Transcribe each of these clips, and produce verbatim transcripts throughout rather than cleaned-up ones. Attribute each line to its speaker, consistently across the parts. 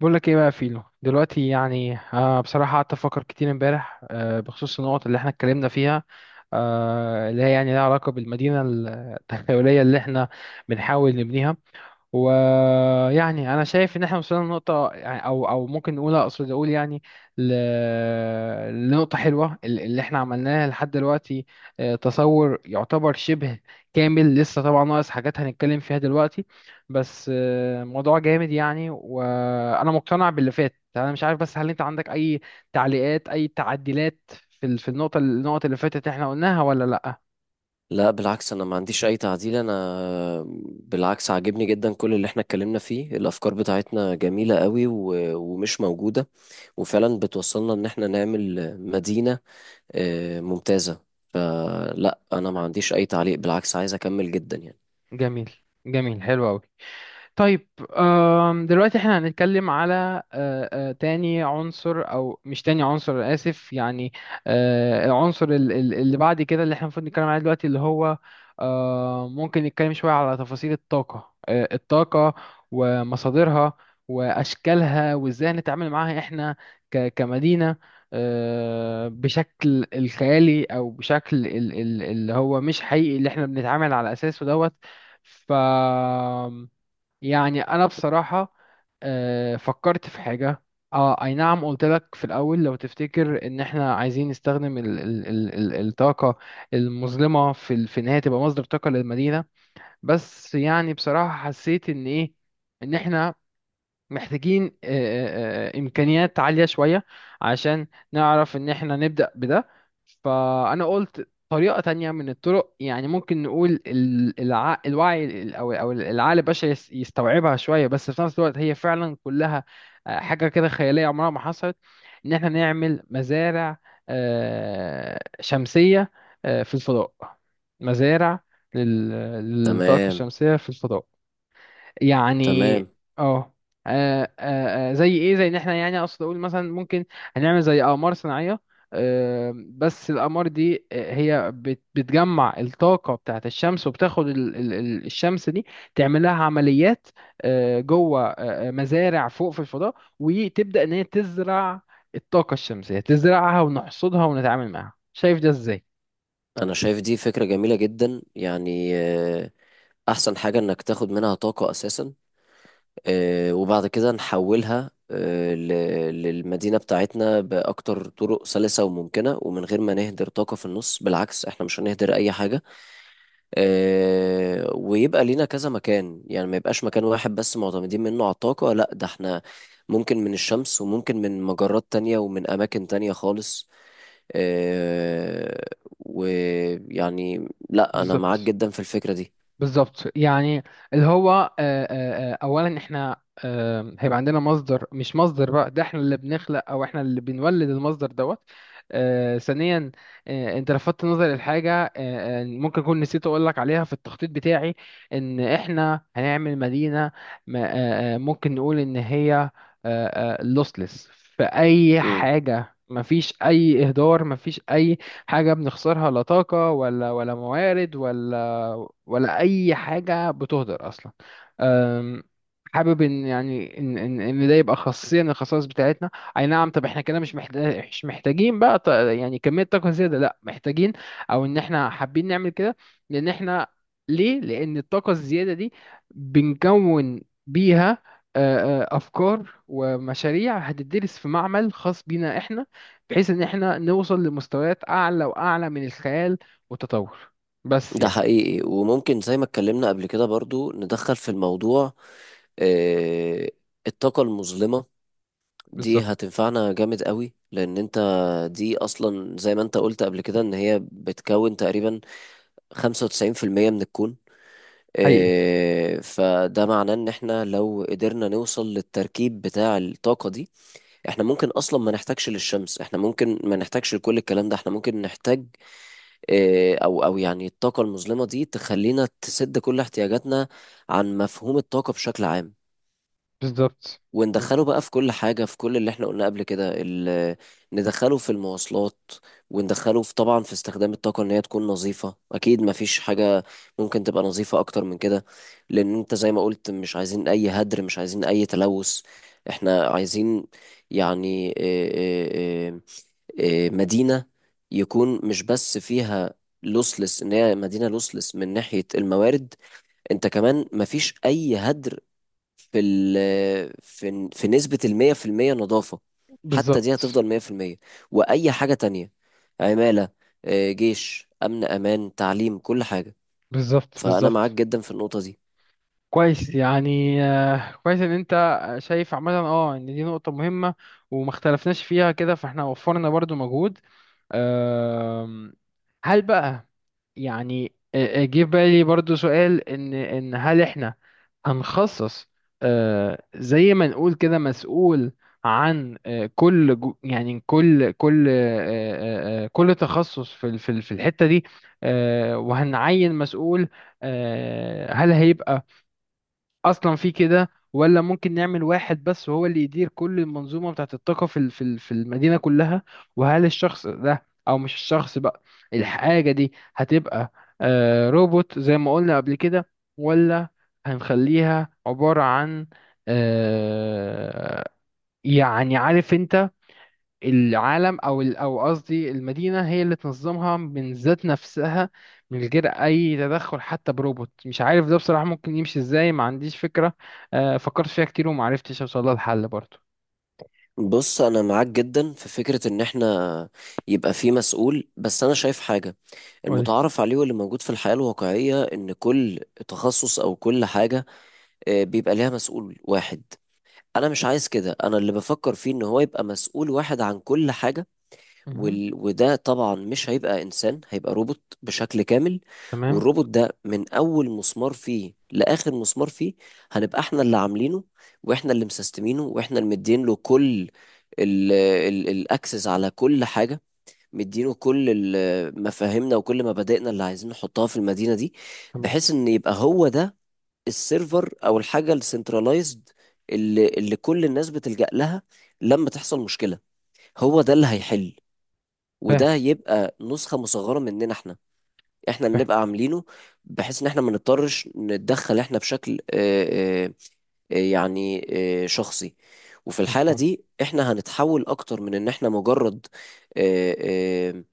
Speaker 1: بقول لك ايه بقى يا فيلو دلوقتي يعني آه بصراحة قعدت افكر كتير امبارح آه بخصوص النقط اللي احنا اتكلمنا فيها، آه اللي هي يعني لها علاقة بالمدينة التخيلية اللي احنا بنحاول نبنيها. ويعني انا شايف ان احنا وصلنا لنقطه يعني او او ممكن نقول اقصد اقول يعني ل... لنقطه حلوه ال- اللي احنا عملناها لحد دلوقتي. آه، تصور يعتبر شبه كامل، لسه طبعا ناقص حاجات هنتكلم فيها دلوقتي. بس آه، موضوع جامد يعني، وانا مقتنع باللي فات. انا مش عارف بس، هل انت عندك اي تعليقات، اي تعديلات في ال- في النقطه النقط اللي فاتت احنا قلناها ولا لا؟
Speaker 2: لا، بالعكس، انا ما عنديش اي تعديل. انا بالعكس عاجبني جدا كل اللي احنا اتكلمنا فيه. الافكار بتاعتنا جميلة قوي و... ومش موجودة، وفعلا بتوصلنا ان احنا نعمل مدينة آه، ممتازة. فلا، انا ما عنديش اي تعليق، بالعكس عايز اكمل جدا يعني.
Speaker 1: جميل. جميل، حلو قوي. طيب. آم، دلوقتي احنا هنتكلم على آه، آه، تاني عنصر، او مش تاني عنصر، أنا اسف يعني. آه، العنصر ال- ال- اللي بعد كده، اللي احنا المفروض نتكلم عليه دلوقتي، اللي هو آه، ممكن نتكلم شوية على تفاصيل الطاقة آه، الطاقة ومصادرها واشكالها، وازاي نتعامل معاها احنا ك- كمدينة. آه، بشكل الخيالي او بشكل ال- ال- اللي هو مش حقيقي، اللي احنا بنتعامل على اساسه دوت. ف يعني انا بصراحه آه، فكرت في حاجه. اه اي نعم، قلت لك في الاول لو تفتكر ان احنا عايزين نستخدم ال ال ال ال الطاقه المظلمه في ال- في ان هي تبقى مصدر طاقه للمدينه. بس يعني بصراحه حسيت ان ايه، ان احنا محتاجين آه، آه، آه، إمكانيات عالية شوية، عشان نعرف إن إحنا نبدأ بده. فأنا قلت طريقة تانية من الطرق، يعني ممكن نقول ال- الع... الوعي ال- أو أو العقل البشري يس- يستوعبها شوية، بس في نفس الوقت هي فعلا كلها آه، حاجة كده خيالية عمرها ما حصلت. إن إحنا نعمل مزارع آه، شمسية آه، في الفضاء. مزارع لل- للطاقة
Speaker 2: تمام،
Speaker 1: الشمسية في الفضاء يعني.
Speaker 2: تمام.
Speaker 1: اه. آه، آه، آه، زي ايه، زي ان احنا يعني اقصد اقول مثلا ممكن هنعمل زي اقمار صناعيه. آه، بس الاقمار دي آه، هي بت- بتجمع الطاقه بتاعه الشمس، وبتاخد ال- ال- ال- الشمس دي تعمل لها عمليات آه، جوه آه، آه، مزارع فوق في الفضاء، وتبدا ان هي تزرع الطاقه الشمسيه، تزرعها ونحصدها ونتعامل معاها. شايف ده ازاي؟
Speaker 2: انا شايف دي فكرة جميلة جدا، يعني آه، احسن حاجة انك تاخد منها طاقة اساسا، آه، وبعد كده نحولها آه، ل- للمدينة بتاعتنا بأكتر طرق سلسة وممكنة، ومن غير ما نهدر طاقة في النص. بالعكس، احنا مش هنهدر أي حاجة. آه، ويبقى لينا كذا مكان، يعني ما يبقاش مكان واحد بس معتمدين منه على الطاقة. لا، ده احنا ممكن من الشمس، وممكن من مجرات تانية ومن أماكن تانية خالص. آه، ويعني لا، أنا معاك
Speaker 1: بالظبط.
Speaker 2: جدا في الفكرة
Speaker 1: بالظبط يعني. اللي هو آه، آه، آه، اولا احنا آه، هيبقى عندنا مصدر، مش مصدر بقى، ده احنا اللي بنخلق او احنا اللي بنولد المصدر دوت. آه، ثانيا، آه، انت لفتت نظري لحاجه. آه، آه، ممكن اكون نسيت اقول لك عليها في التخطيط بتاعي، ان احنا هنعمل مدينه. ما- آه، آه، ممكن نقول ان هي لوسلس في اي
Speaker 2: دي.
Speaker 1: حاجه، مفيش اي اهدار، مفيش اي حاجة بنخسرها، لا طاقة ولا ولا موارد ولا ولا أي حاجة بتهدر أصلا. أم، حابب إن يعني إن إن إن ده يبقى خاصية من الخصائص بتاعتنا. أي نعم. طب إحنا كده مش محتاج مش محتاجين بقى ط- يعني كمية طاقة زيادة. لأ، محتاجين، أو إن إحنا حابين نعمل كده. لأن إحنا ليه؟ لأن الطاقة الزيادة دي بنكون بيها آه، آه، أفكار ومشاريع هتدرس في معمل خاص بينا إحنا، بحيث ان احنا نوصل لمستويات اعلى واعلى من الخيال والتطور، بس
Speaker 2: ده
Speaker 1: يعني.
Speaker 2: حقيقي، وممكن زي ما اتكلمنا قبل كده برضو ندخل في الموضوع، آه، الطاقة المظلمة. دي
Speaker 1: بالظبط.
Speaker 2: هتنفعنا جامد قوي، لأن أنت دي أصلا زي ما أنت قلت قبل كده إن هي بتكون تقريبا خمسة وتسعين في المية من الكون.
Speaker 1: حقيقي.
Speaker 2: آه، فده معناه إن إحنا لو قدرنا نوصل للتركيب بتاع الطاقة دي، إحنا ممكن أصلا ما نحتاجش للشمس. إحنا ممكن ما نحتاجش لكل الكلام ده. إحنا ممكن نحتاج إيه، او او يعني الطاقه المظلمه دي تخلينا تسد كل احتياجاتنا عن مفهوم الطاقه بشكل عام.
Speaker 1: بالظبط.
Speaker 2: وندخله بقى في كل حاجه، في كل اللي احنا قلنا قبل كده ال- ندخله في المواصلات، وندخله في طبعا في استخدام الطاقه. ان هي تكون نظيفه، اكيد مفيش حاجه ممكن تبقى نظيفه اكتر من كده، لان انت زي ما قلت مش عايزين اي هدر، مش عايزين اي تلوث. احنا عايزين يعني آه، مدينة يكون مش بس فيها لوسلس ان هي مدينة لوسلس من ناحية الموارد. انت كمان مفيش اي هدر في ال آه، في في نسبة المية في المية نظافة. حتى دي
Speaker 1: بالظبط.
Speaker 2: هتفضل مية في المية. واي حاجة تانية، عمالة، آه، جيش، امن، امان، تعليم، كل حاجة.
Speaker 1: بالظبط.
Speaker 2: فانا معاك
Speaker 1: بالظبط.
Speaker 2: جدا في النقطة دي.
Speaker 1: كويس يعني. آه، كويس ان انت آه، شايف عامه اه ان دي نقطة مهمة، وما اختلفناش فيها كده، فاحنا وفرنا برضو مجهود. أم، هل بقى يعني، أ- أ- جه في بالي برضو سؤال، ان ان هل احنا هنخصص أه، زي ما نقول كده مسؤول عن أه، كل جو- يعني كل كل أه، أه، أه، كل تخصص في ال- في ال- في الحتة دي. أه، وهنعين مسؤول. أه، هل هيبقى اصلا في كده، ولا ممكن نعمل واحد بس وهو اللي يدير كل المنظومه بتاعت الطاقه في ال- في ال- في المدينه كلها؟ وهل الشخص ده، او مش الشخص بقى، الحاجه دي هتبقى آه، روبوت زي ما قلنا قبل كده، ولا هنخليها عباره عن آه، يعني عارف انت، العالم او ال- او قصدي المدينه هي اللي تنظمها من ذات نفسها، من غير اي تدخل حتى بروبوت؟ مش عارف ده بصراحه ممكن يمشي ازاي، ما عنديش فكره. آه، فكرت فيها كتير وما عرفتش اوصل لها الحل برضه.
Speaker 2: بص، انا معاك جدا في فكرة ان احنا يبقى في مسؤول، بس انا شايف حاجة.
Speaker 1: قولي.
Speaker 2: المتعارف عليه واللي موجود في الحياة الواقعية ان كل تخصص او كل حاجة آه، بيبقى ليها مسؤول واحد. انا مش عايز كده، انا اللي بفكر فيه ان هو يبقى مسؤول واحد عن كل حاجة.
Speaker 1: مهم.
Speaker 2: وال... وده طبعا مش هيبقى انسان، هيبقى روبوت بشكل كامل.
Speaker 1: تمام.
Speaker 2: والروبوت ده من اول مسمار فيه لاخر مسمار فيه هنبقى احنا اللي عاملينه، واحنا اللي مسستمينه، واحنا اللي مدين له كل ال... ال... الاكسس على كل حاجه. مدينه كل ال- مفاهيمنا وكل مبادئنا اللي عايزين نحطها في المدينه دي،
Speaker 1: تمام.
Speaker 2: بحيث ان يبقى هو ده السيرفر او الحاجه السنترلايزد اللي اللي كل الناس بتلجأ لها لما تحصل مشكله. هو ده اللي هيحل.
Speaker 1: فاهم.
Speaker 2: وده يبقى نسخة مصغرة مننا احنا، احنا اللي
Speaker 1: فاهم.
Speaker 2: نبقى عاملينه، بحيث ان احنا ما نضطرش نتدخل احنا بشكل آه، آه، آه، يعني آه، شخصي. وفي الحالة
Speaker 1: مفهوم.
Speaker 2: دي احنا هنتحول اكتر من ان احنا مجرد آه، آه،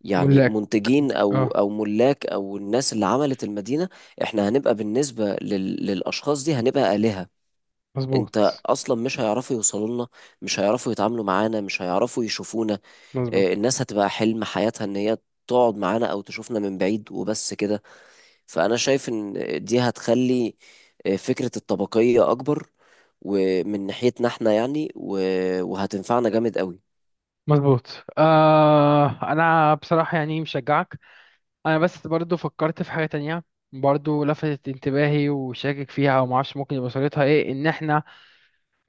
Speaker 2: يعني
Speaker 1: ملاك.
Speaker 2: منتجين او
Speaker 1: اه.
Speaker 2: او ملاك او الناس اللي عملت المدينة. احنا هنبقى بالنسبة لل- للاشخاص دي هنبقى آلهة.
Speaker 1: مظبوط.
Speaker 2: انت اصلا مش هيعرفوا يوصلوا لنا، مش هيعرفوا يتعاملوا معانا، مش هيعرفوا يشوفونا.
Speaker 1: مظبوط.
Speaker 2: آه، الناس هتبقى حلم حياتها ان هي تقعد معانا او تشوفنا من بعيد وبس كده. فانا شايف ان دي هتخلي آه، فكرة الطبقية اكبر، ومن ناحيتنا احنا يعني و- وهتنفعنا جامد قوي.
Speaker 1: مظبوط. آه انا بصراحه يعني مشجعك. انا بس برضو فكرت في حاجه تانية، برضو لفتت انتباهي، وشاكك فيها وما اعرفش ممكن يبقى صورتها ايه، ان احنا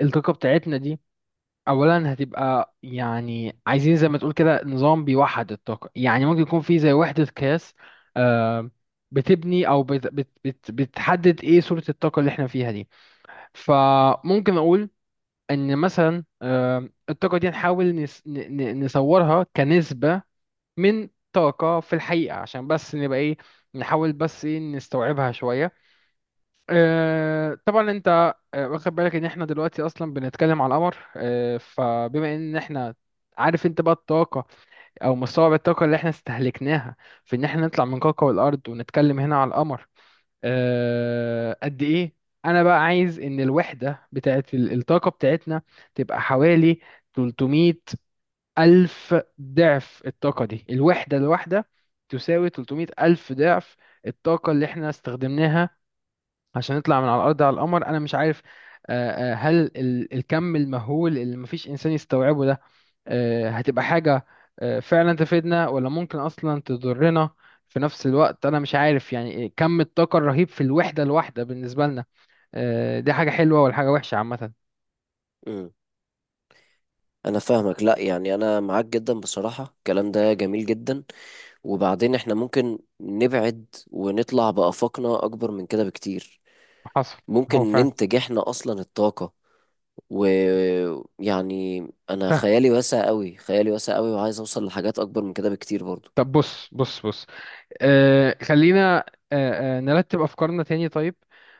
Speaker 1: الطاقة بتاعتنا دي أولا هتبقى يعني، عايزين زي ما تقول كده نظام بيوحد الطاقة، يعني ممكن يكون في زي وحدة قياس آه، بتبني أو بت بت بت بتحدد إيه صورة الطاقة اللي إحنا فيها دي. فممكن أقول إن مثلا آه، الطاقة دي نحاول نس ن- ن- نصورها كنسبة من طاقة في الحقيقة، عشان بس نبقى إيه، نحاول بس إيه نستوعبها شوية. آه، طبعا انت آه، واخد بالك ان احنا دلوقتي اصلا بنتكلم على القمر. آه، فبما ان احنا عارف انت بقى الطاقة، او مستوعب الطاقة اللي احنا استهلكناها في ان احنا نطلع من كوكب الارض ونتكلم هنا على القمر، آه، قد ايه؟ انا بقى عايز ان الوحدة بتاعت ال- الطاقة بتاعتنا تبقى حوالي ثلاثمية ألف ضعف الطاقة دي. الوحدة الواحدة تساوي ثلاثمية ألف ضعف الطاقة اللي احنا استخدمناها عشان نطلع من على الأرض على القمر. أنا مش عارف آه، آه، هل ال- الكم المهول اللي مفيش إنسان يستوعبه ده آه، هتبقى حاجة آه، فعلا تفيدنا، ولا ممكن أصلا تضرنا؟ في نفس الوقت أنا مش عارف يعني إيه كم الطاقة الرهيب في الوحدة الواحدة بالنسبة لنا، آه، دي حاجة حلوة ولا حاجة وحشة عامة؟
Speaker 2: مم. انا فاهمك. لا، يعني انا معاك جدا بصراحة، الكلام ده جميل جدا. وبعدين احنا ممكن نبعد ونطلع بآفاقنا اكبر من كده بكتير.
Speaker 1: حصل.
Speaker 2: ممكن
Speaker 1: هو فعلا.
Speaker 2: ننتج احنا اصلا الطاقة. ويعني انا
Speaker 1: فاهم.
Speaker 2: خيالي واسع قوي، خيالي واسع قوي، وعايز اوصل لحاجات اكبر من كده بكتير برضو.
Speaker 1: طب بص، بص، بص. آه خلينا، آه آه نرتب أفكارنا تاني. طيب.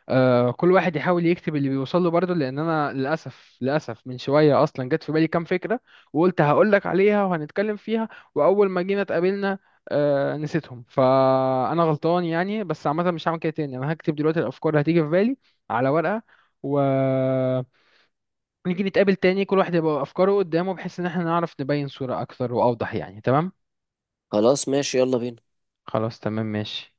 Speaker 1: آه كل واحد يحاول يكتب اللي بيوصل له برضه، لأن أنا للأسف، للأسف، من شوية أصلا جت في بالي كام فكرة، وقلت هقولك عليها وهنتكلم فيها، وأول ما جينا اتقابلنا آه نسيتهم. فأنا غلطان يعني، بس عامة مش هعمل كده تاني. أنا هكتب دلوقتي الأفكار اللي هتيجي في بالي على ورقة، و نيجي نتقابل تاني، كل واحد يبقى أفكاره قدامه، بحيث إن احنا نعرف نبين صورة أكثر وأوضح يعني. تمام؟
Speaker 2: خلاص ماشي، يلا بينا.
Speaker 1: خلاص تمام ماشي.